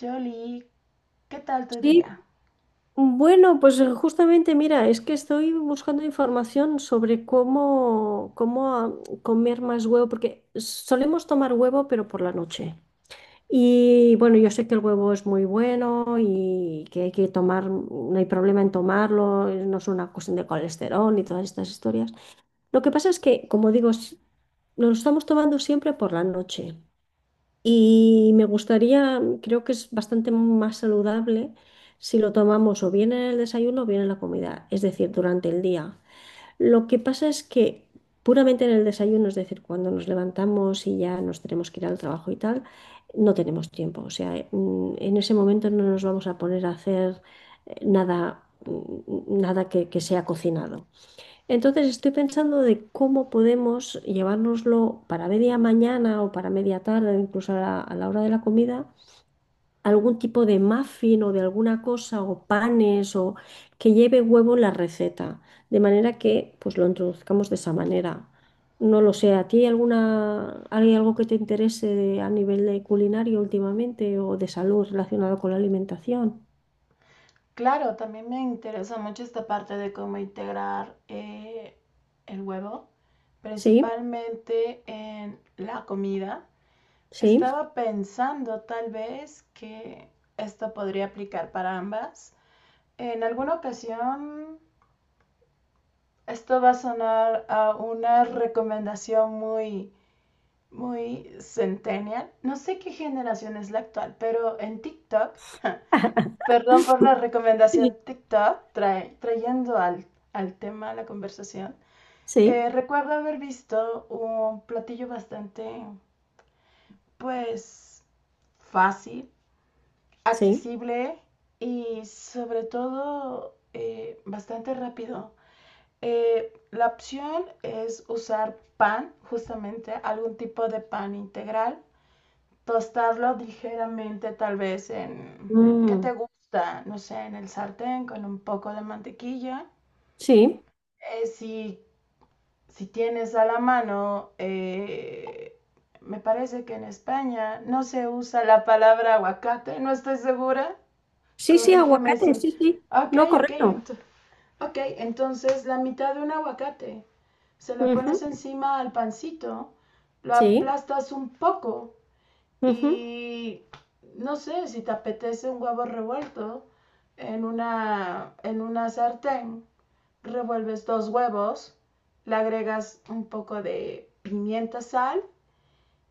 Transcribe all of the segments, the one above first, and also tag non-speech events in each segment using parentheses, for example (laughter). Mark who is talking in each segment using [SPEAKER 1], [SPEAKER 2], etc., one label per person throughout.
[SPEAKER 1] Jolie, ¿qué tal tu día?
[SPEAKER 2] Sí, bueno, pues justamente, mira, es que estoy buscando información sobre cómo comer más huevo, porque solemos tomar huevo, pero por la noche. Y bueno, yo sé que el huevo es muy bueno y que hay que tomar, no hay problema en tomarlo, no es una cuestión de colesterol ni todas estas historias. Lo que pasa es que, como digo, lo estamos tomando siempre por la noche. Y me gustaría, creo que es bastante más saludable si lo tomamos o bien en el desayuno o bien en la comida, es decir, durante el día. Lo que pasa es que puramente en el desayuno, es decir, cuando nos levantamos y ya nos tenemos que ir al trabajo y tal, no tenemos tiempo. O sea, en ese momento no nos vamos a poner a hacer nada, nada que sea cocinado. Entonces estoy pensando de cómo podemos llevárnoslo para media mañana o para media tarde, incluso a la hora de la comida, algún tipo de muffin o de alguna cosa o panes o que lleve huevo en la receta, de manera que pues lo introduzcamos de esa manera. No lo sé, ¿a ti hay alguna, hay algo que te interese a nivel de culinario últimamente o de salud relacionado con la alimentación?
[SPEAKER 1] Claro, también me interesa mucho esta parte de cómo integrar el huevo,
[SPEAKER 2] Sí,
[SPEAKER 1] principalmente en la comida.
[SPEAKER 2] sí,
[SPEAKER 1] Estaba pensando tal vez que esto podría aplicar para ambas. En alguna ocasión, esto va a sonar a una recomendación muy centennial. No sé qué generación es la actual, pero en TikTok.
[SPEAKER 2] (laughs)
[SPEAKER 1] Perdón por la recomendación TikTok, trayendo al tema la conversación.
[SPEAKER 2] sí,
[SPEAKER 1] Recuerdo haber visto un platillo pues, fácil,
[SPEAKER 2] sí.
[SPEAKER 1] accesible y sobre todo bastante rápido. La opción es usar pan, justamente algún tipo de pan integral, tostarlo ligeramente tal vez en, ¿qué
[SPEAKER 2] Mm,
[SPEAKER 1] te gusta? No sé, en el sartén con un poco de mantequilla.
[SPEAKER 2] sí.
[SPEAKER 1] Eh, si, si tienes a la mano, me parece que en España no se usa la palabra aguacate, no estoy segura.
[SPEAKER 2] Sí, sí,
[SPEAKER 1] Corrígeme si...
[SPEAKER 2] aguacate, sí, sí.
[SPEAKER 1] Ok,
[SPEAKER 2] No,
[SPEAKER 1] ok,
[SPEAKER 2] correcto.
[SPEAKER 1] ent ok, entonces la mitad de un aguacate. Se lo pones
[SPEAKER 2] Ujú.
[SPEAKER 1] encima al pancito, lo
[SPEAKER 2] Sí.
[SPEAKER 1] aplastas un poco
[SPEAKER 2] Ujú.
[SPEAKER 1] y no sé, si te apetece un huevo revuelto en una sartén, revuelves dos huevos, le agregas un poco de pimienta, sal,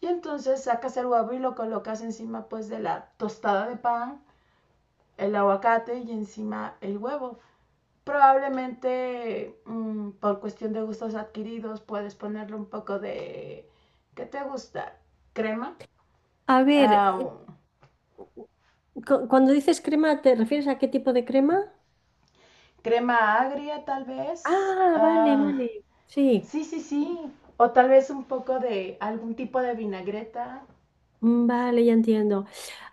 [SPEAKER 1] y entonces sacas el huevo y lo colocas encima pues de la tostada de pan, el aguacate y encima el huevo. Probablemente por cuestión de gustos adquiridos puedes ponerle un poco de, ¿qué te gusta? Crema.
[SPEAKER 2] A ver,
[SPEAKER 1] Ah,
[SPEAKER 2] cuando dices crema, ¿te refieres a qué tipo de crema?
[SPEAKER 1] crema agria tal vez.
[SPEAKER 2] Ah, vale,
[SPEAKER 1] Ah,
[SPEAKER 2] vale. Sí,
[SPEAKER 1] sí, sí, sí. O tal vez un poco de algún tipo de vinagreta.
[SPEAKER 2] vale, ya entiendo.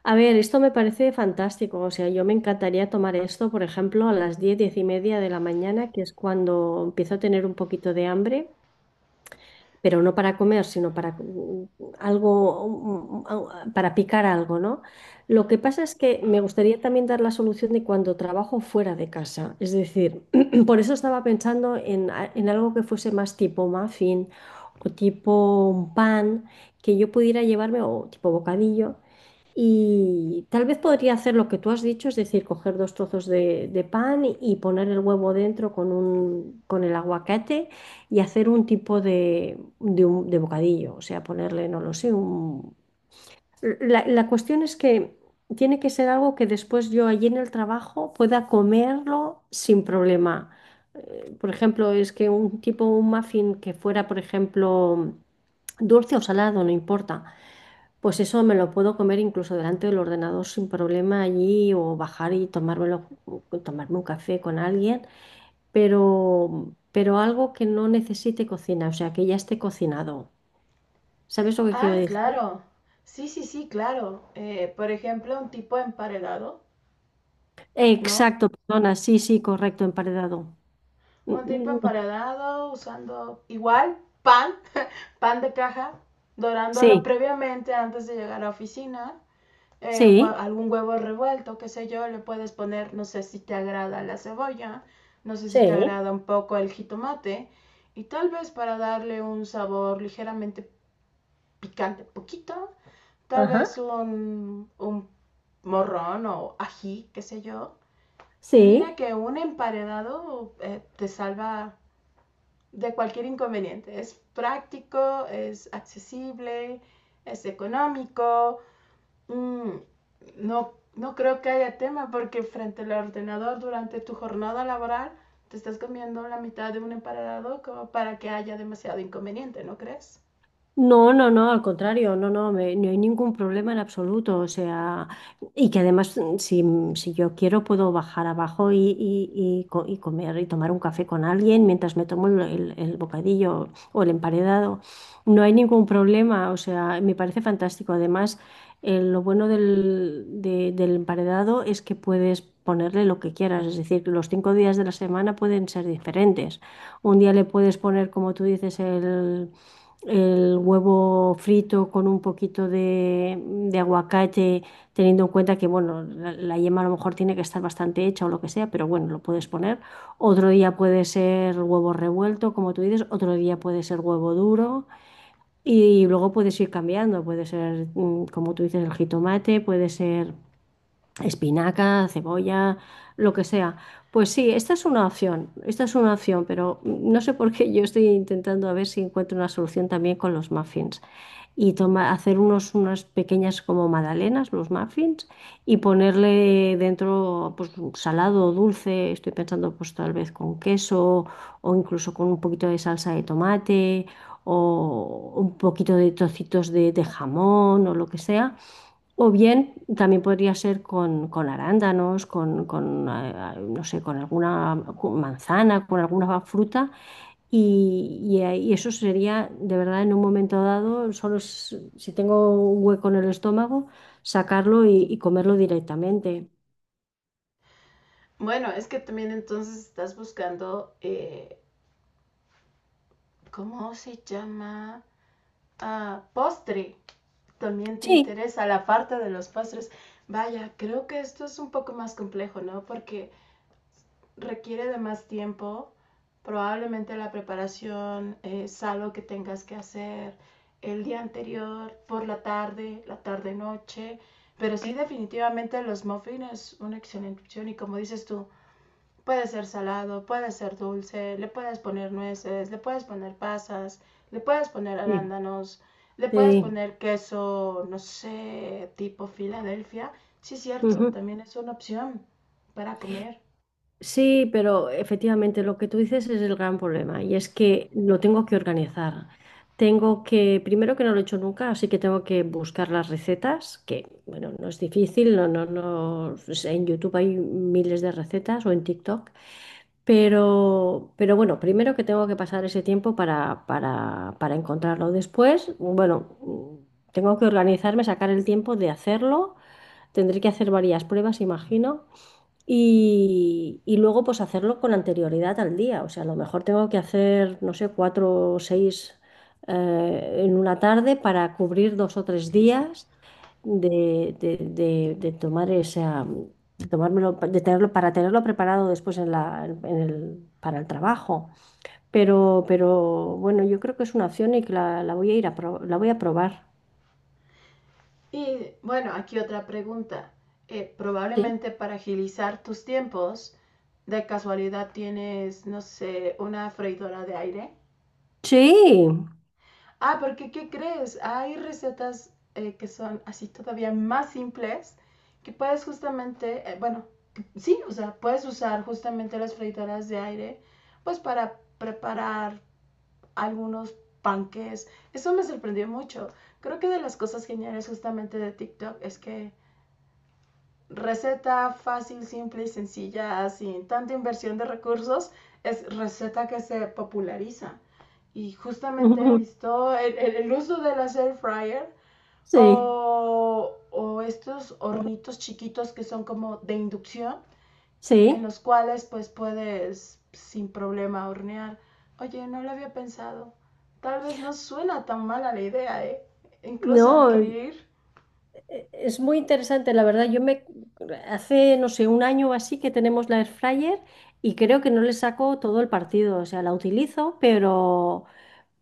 [SPEAKER 2] A ver, esto me parece fantástico. O sea, yo me encantaría tomar esto, por ejemplo, a las 10, 10:30 de la mañana, que es cuando empiezo a tener un poquito de hambre. Pero no para comer, sino para algo, para picar algo, ¿no? Lo que pasa es que me gustaría también dar la solución de cuando trabajo fuera de casa. Es decir, (clears throat) por eso estaba pensando en algo que fuese más tipo muffin o tipo un pan que yo pudiera llevarme o tipo bocadillo, y tal vez podría hacer lo que tú has dicho, es decir, coger dos trozos de pan y poner el huevo dentro con un, con el aguacate, y hacer un tipo de bocadillo, o sea, ponerle, no lo sé, un... La cuestión es que tiene que ser algo que después yo allí en el trabajo pueda comerlo sin problema. Por ejemplo, es que un tipo, un muffin que fuera, por ejemplo, dulce o salado, no importa, pues eso me lo puedo comer incluso delante del ordenador sin problema allí, o bajar y tomármelo, tomarme un café con alguien, pero algo que no necesite cocina, o sea, que ya esté cocinado. ¿Sabes lo que quiero
[SPEAKER 1] Ah,
[SPEAKER 2] decir?
[SPEAKER 1] claro. Sí, sí, sí, claro. Por ejemplo, un tipo emparedado, ¿no?
[SPEAKER 2] Exacto, perdona, sí, sí, correcto, emparedado. Mm,
[SPEAKER 1] Un tipo
[SPEAKER 2] mm, no.
[SPEAKER 1] emparedado usando igual pan, (laughs) pan de caja, dorándolo
[SPEAKER 2] Sí,
[SPEAKER 1] previamente antes de llegar a la oficina. eh,
[SPEAKER 2] sí,
[SPEAKER 1] Algún huevo revuelto, qué sé yo, le puedes poner, no sé si te agrada la cebolla, no sé si te
[SPEAKER 2] sí,
[SPEAKER 1] agrada un poco el jitomate y tal vez para darle un sabor ligeramente picante, poquito, tal vez
[SPEAKER 2] ajá,
[SPEAKER 1] un morrón o ají, qué sé yo. Y mira
[SPEAKER 2] sí.
[SPEAKER 1] que un emparedado te salva de cualquier inconveniente. Es práctico, es accesible, es económico. Mm, no, no creo que haya tema porque frente al ordenador durante tu jornada laboral te estás comiendo la mitad de un emparado como para que haya demasiado inconveniente, ¿no crees?
[SPEAKER 2] No, no, no, al contrario, no, no, no hay ningún problema en absoluto, o sea, y que además si yo quiero puedo bajar abajo y comer y tomar un café con alguien mientras me tomo el, el bocadillo o el emparedado. No hay ningún problema, o sea, me parece fantástico, además lo bueno del emparedado es que puedes ponerle lo que quieras, es decir, los 5 días de la semana pueden ser diferentes, un día le puedes poner, como tú dices, el huevo frito con un poquito de aguacate, teniendo en cuenta que, bueno, la yema a lo mejor tiene que estar bastante hecha o lo que sea, pero bueno, lo puedes poner. Otro día puede ser huevo revuelto, como tú dices, otro día puede ser huevo duro y, luego puedes ir cambiando, puede ser, como tú dices, el jitomate, puede ser espinaca, cebolla, lo que sea. Pues sí, esta es una opción, esta es una opción, pero no sé por qué yo estoy intentando a ver si encuentro una solución también con los muffins, y toma, hacer unas pequeñas como magdalenas, los muffins, y ponerle dentro pues salado o dulce, estoy pensando pues tal vez con queso, o incluso con un poquito de salsa de tomate, o un poquito de trocitos de jamón o lo que sea, o bien también podría ser con, arándanos, no sé, con alguna, con manzana, con alguna fruta. Y eso sería, de verdad, en un momento dado, solo si tengo un hueco en el estómago, sacarlo y comerlo directamente.
[SPEAKER 1] Bueno, es que también entonces estás buscando, ¿cómo se llama? Ah, postre. También te
[SPEAKER 2] Sí,
[SPEAKER 1] interesa la parte de los postres. Vaya, creo que esto es un poco más complejo, ¿no? Porque requiere de más tiempo, probablemente la preparación es algo que tengas que hacer el día anterior, por la tarde, la tarde-noche, pero sí, definitivamente los muffins es una excelente opción y como dices tú, puede ser salado, puede ser dulce, le puedes poner nueces, le puedes poner pasas, le puedes poner
[SPEAKER 2] sí,
[SPEAKER 1] arándanos, le puedes
[SPEAKER 2] sí.
[SPEAKER 1] poner queso, no sé, tipo Filadelfia. Sí, cierto,
[SPEAKER 2] Ujú.
[SPEAKER 1] también es una opción para comer.
[SPEAKER 2] Sí, pero efectivamente lo que tú dices es el gran problema, y es que lo tengo que organizar. Tengo que, primero que no lo he hecho nunca, así que tengo que buscar las recetas, que bueno, no es difícil, no, no, no, pues en YouTube hay miles de recetas o en TikTok. Pero bueno, primero que tengo que pasar ese tiempo para encontrarlo. Después, bueno, tengo que organizarme, sacar el tiempo de hacerlo. Tendré que hacer varias pruebas, imagino. Y luego pues hacerlo con anterioridad al día. O sea, a lo mejor tengo que hacer, no sé, cuatro o seis, en una tarde, para cubrir 2 o 3 días de tomar esa, de tomármelo, de tenerlo, para tenerlo preparado después en la, en el, para el trabajo. Pero bueno, yo creo que es una opción y que la voy a probar.
[SPEAKER 1] Y bueno, aquí otra pregunta.
[SPEAKER 2] Sí.
[SPEAKER 1] Probablemente para agilizar tus tiempos, de casualidad tienes, no sé, una freidora de aire.
[SPEAKER 2] Sí.
[SPEAKER 1] Ah, porque ¿qué crees? Hay recetas que son así todavía más simples, que puedes justamente, bueno, sí, o sea, puedes usar justamente las freidoras de aire pues para preparar algunos panques. Eso me sorprendió mucho. Creo que de las cosas geniales justamente de TikTok es que receta fácil, simple y sencilla, sin tanta inversión de recursos, es receta que se populariza. Y justamente he
[SPEAKER 2] (laughs)
[SPEAKER 1] visto el uso de las air fryer
[SPEAKER 2] Sí.
[SPEAKER 1] o estos hornitos chiquitos que son como de inducción, en
[SPEAKER 2] Sí.
[SPEAKER 1] los cuales pues puedes sin problema hornear. Oye, no lo había pensado. Tal vez no suena tan mala la idea, ¿eh? Incluso
[SPEAKER 2] No.
[SPEAKER 1] adquirir...
[SPEAKER 2] Es muy interesante, la verdad. Yo me hace, no sé, un año o así que tenemos la air fryer, y creo que no le saco todo el partido. O sea, la utilizo,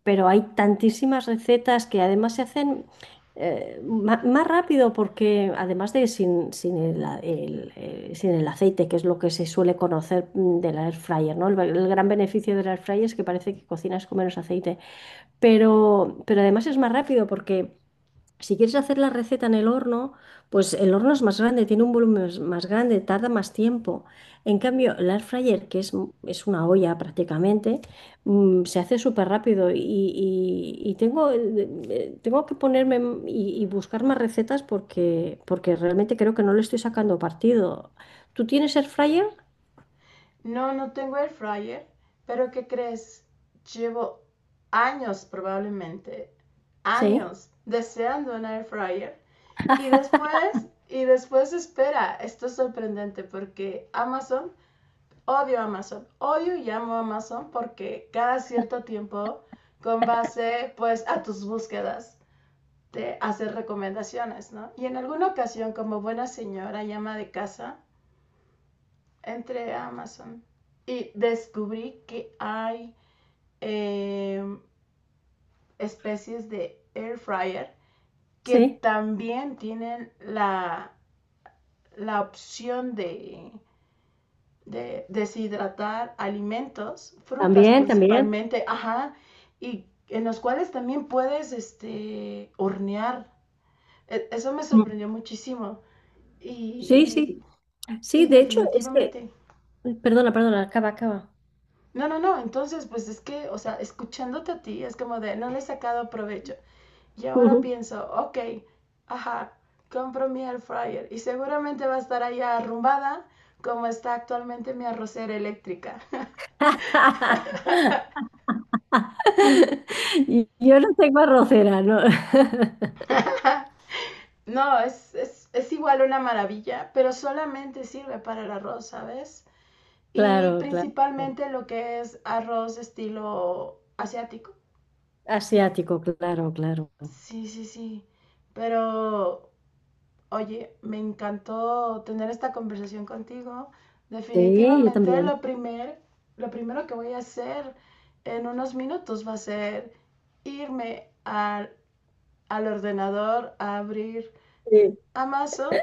[SPEAKER 2] pero hay tantísimas recetas que además se hacen más rápido, porque además de sin, sin el, a- el, sin el aceite, que es lo que se suele conocer, de la air fryer, ¿no? El gran beneficio de la air fryer es que parece que cocinas con menos aceite, pero además es más rápido, porque si quieres hacer la receta en el horno, pues el horno es más grande, tiene un volumen más grande, tarda más tiempo. En cambio, el air fryer, que es una olla prácticamente, se hace súper rápido, y eh, tengo que ponerme y buscar más recetas, porque realmente creo que no le estoy sacando partido. ¿Tú tienes air fryer?
[SPEAKER 1] No, no tengo air fryer, pero ¿qué crees? Llevo años probablemente,
[SPEAKER 2] Sí,
[SPEAKER 1] años deseando un air fryer y después espera, esto es sorprendente porque Amazon, odio y amo Amazon porque cada cierto tiempo con base pues a tus búsquedas te hace recomendaciones, ¿no? Y en alguna ocasión como buena señora y ama de casa, entré a Amazon y descubrí que hay eh, especies de air fryer que
[SPEAKER 2] sí.
[SPEAKER 1] también tienen la opción de deshidratar alimentos, frutas
[SPEAKER 2] También, también.
[SPEAKER 1] principalmente, ajá, y en los cuales también puedes este, hornear. Eso me
[SPEAKER 2] Mm.
[SPEAKER 1] sorprendió muchísimo. Y,
[SPEAKER 2] Sí, sí. Sí,
[SPEAKER 1] y
[SPEAKER 2] de hecho, es que...
[SPEAKER 1] definitivamente...
[SPEAKER 2] Perdona, perdona, acaba, acaba.
[SPEAKER 1] No, no, no, entonces pues es que, o sea, escuchándote a ti es como de, no le he sacado provecho. Y ahora pienso, ok, ajá, compro mi air fryer y seguramente va a estar allá arrumbada como está actualmente mi arrocera eléctrica.
[SPEAKER 2] (laughs) Yo no tengo arrocera, ¿no? (laughs)
[SPEAKER 1] (laughs) No, es igual una maravilla, pero solamente sirve para el arroz, ¿sabes? Y
[SPEAKER 2] Claro, claro.
[SPEAKER 1] principalmente lo que es arroz estilo asiático.
[SPEAKER 2] Asiático, claro, claro.
[SPEAKER 1] Sí, sí, sí, pero oye, me encantó tener esta conversación contigo.
[SPEAKER 2] Sí, yo
[SPEAKER 1] Definitivamente
[SPEAKER 2] también.
[SPEAKER 1] lo primer, lo primero que voy a hacer en unos minutos va a ser irme al ordenador a abrir
[SPEAKER 2] Sí.
[SPEAKER 1] Amazon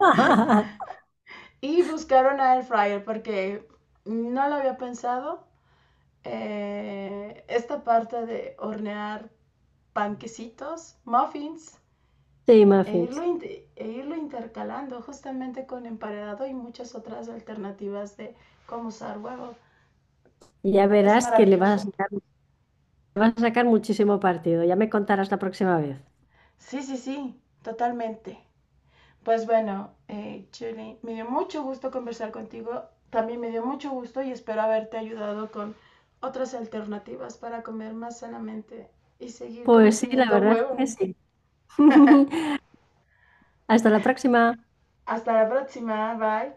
[SPEAKER 2] (laughs)
[SPEAKER 1] (laughs) y buscar una air fryer porque no lo había pensado. Esta parte de hornear panquecitos, muffins,
[SPEAKER 2] Sí, muffins.
[SPEAKER 1] e irlo intercalando justamente con emparedado y muchas otras alternativas de cómo usar huevo.
[SPEAKER 2] Ya
[SPEAKER 1] Es
[SPEAKER 2] verás que
[SPEAKER 1] maravilloso.
[SPEAKER 2] le vas a sacar muchísimo partido. Ya me contarás la próxima vez.
[SPEAKER 1] Sí, sí, sí, totalmente. Pues bueno, Julie, me dio mucho gusto conversar contigo. También me dio mucho gusto y espero haberte ayudado con otras alternativas para comer más sanamente y seguir
[SPEAKER 2] Pues sí, la
[SPEAKER 1] consumiendo
[SPEAKER 2] verdad
[SPEAKER 1] huevo.
[SPEAKER 2] es que sí.
[SPEAKER 1] (laughs)
[SPEAKER 2] (laughs) Hasta la próxima.
[SPEAKER 1] Hasta la próxima, bye.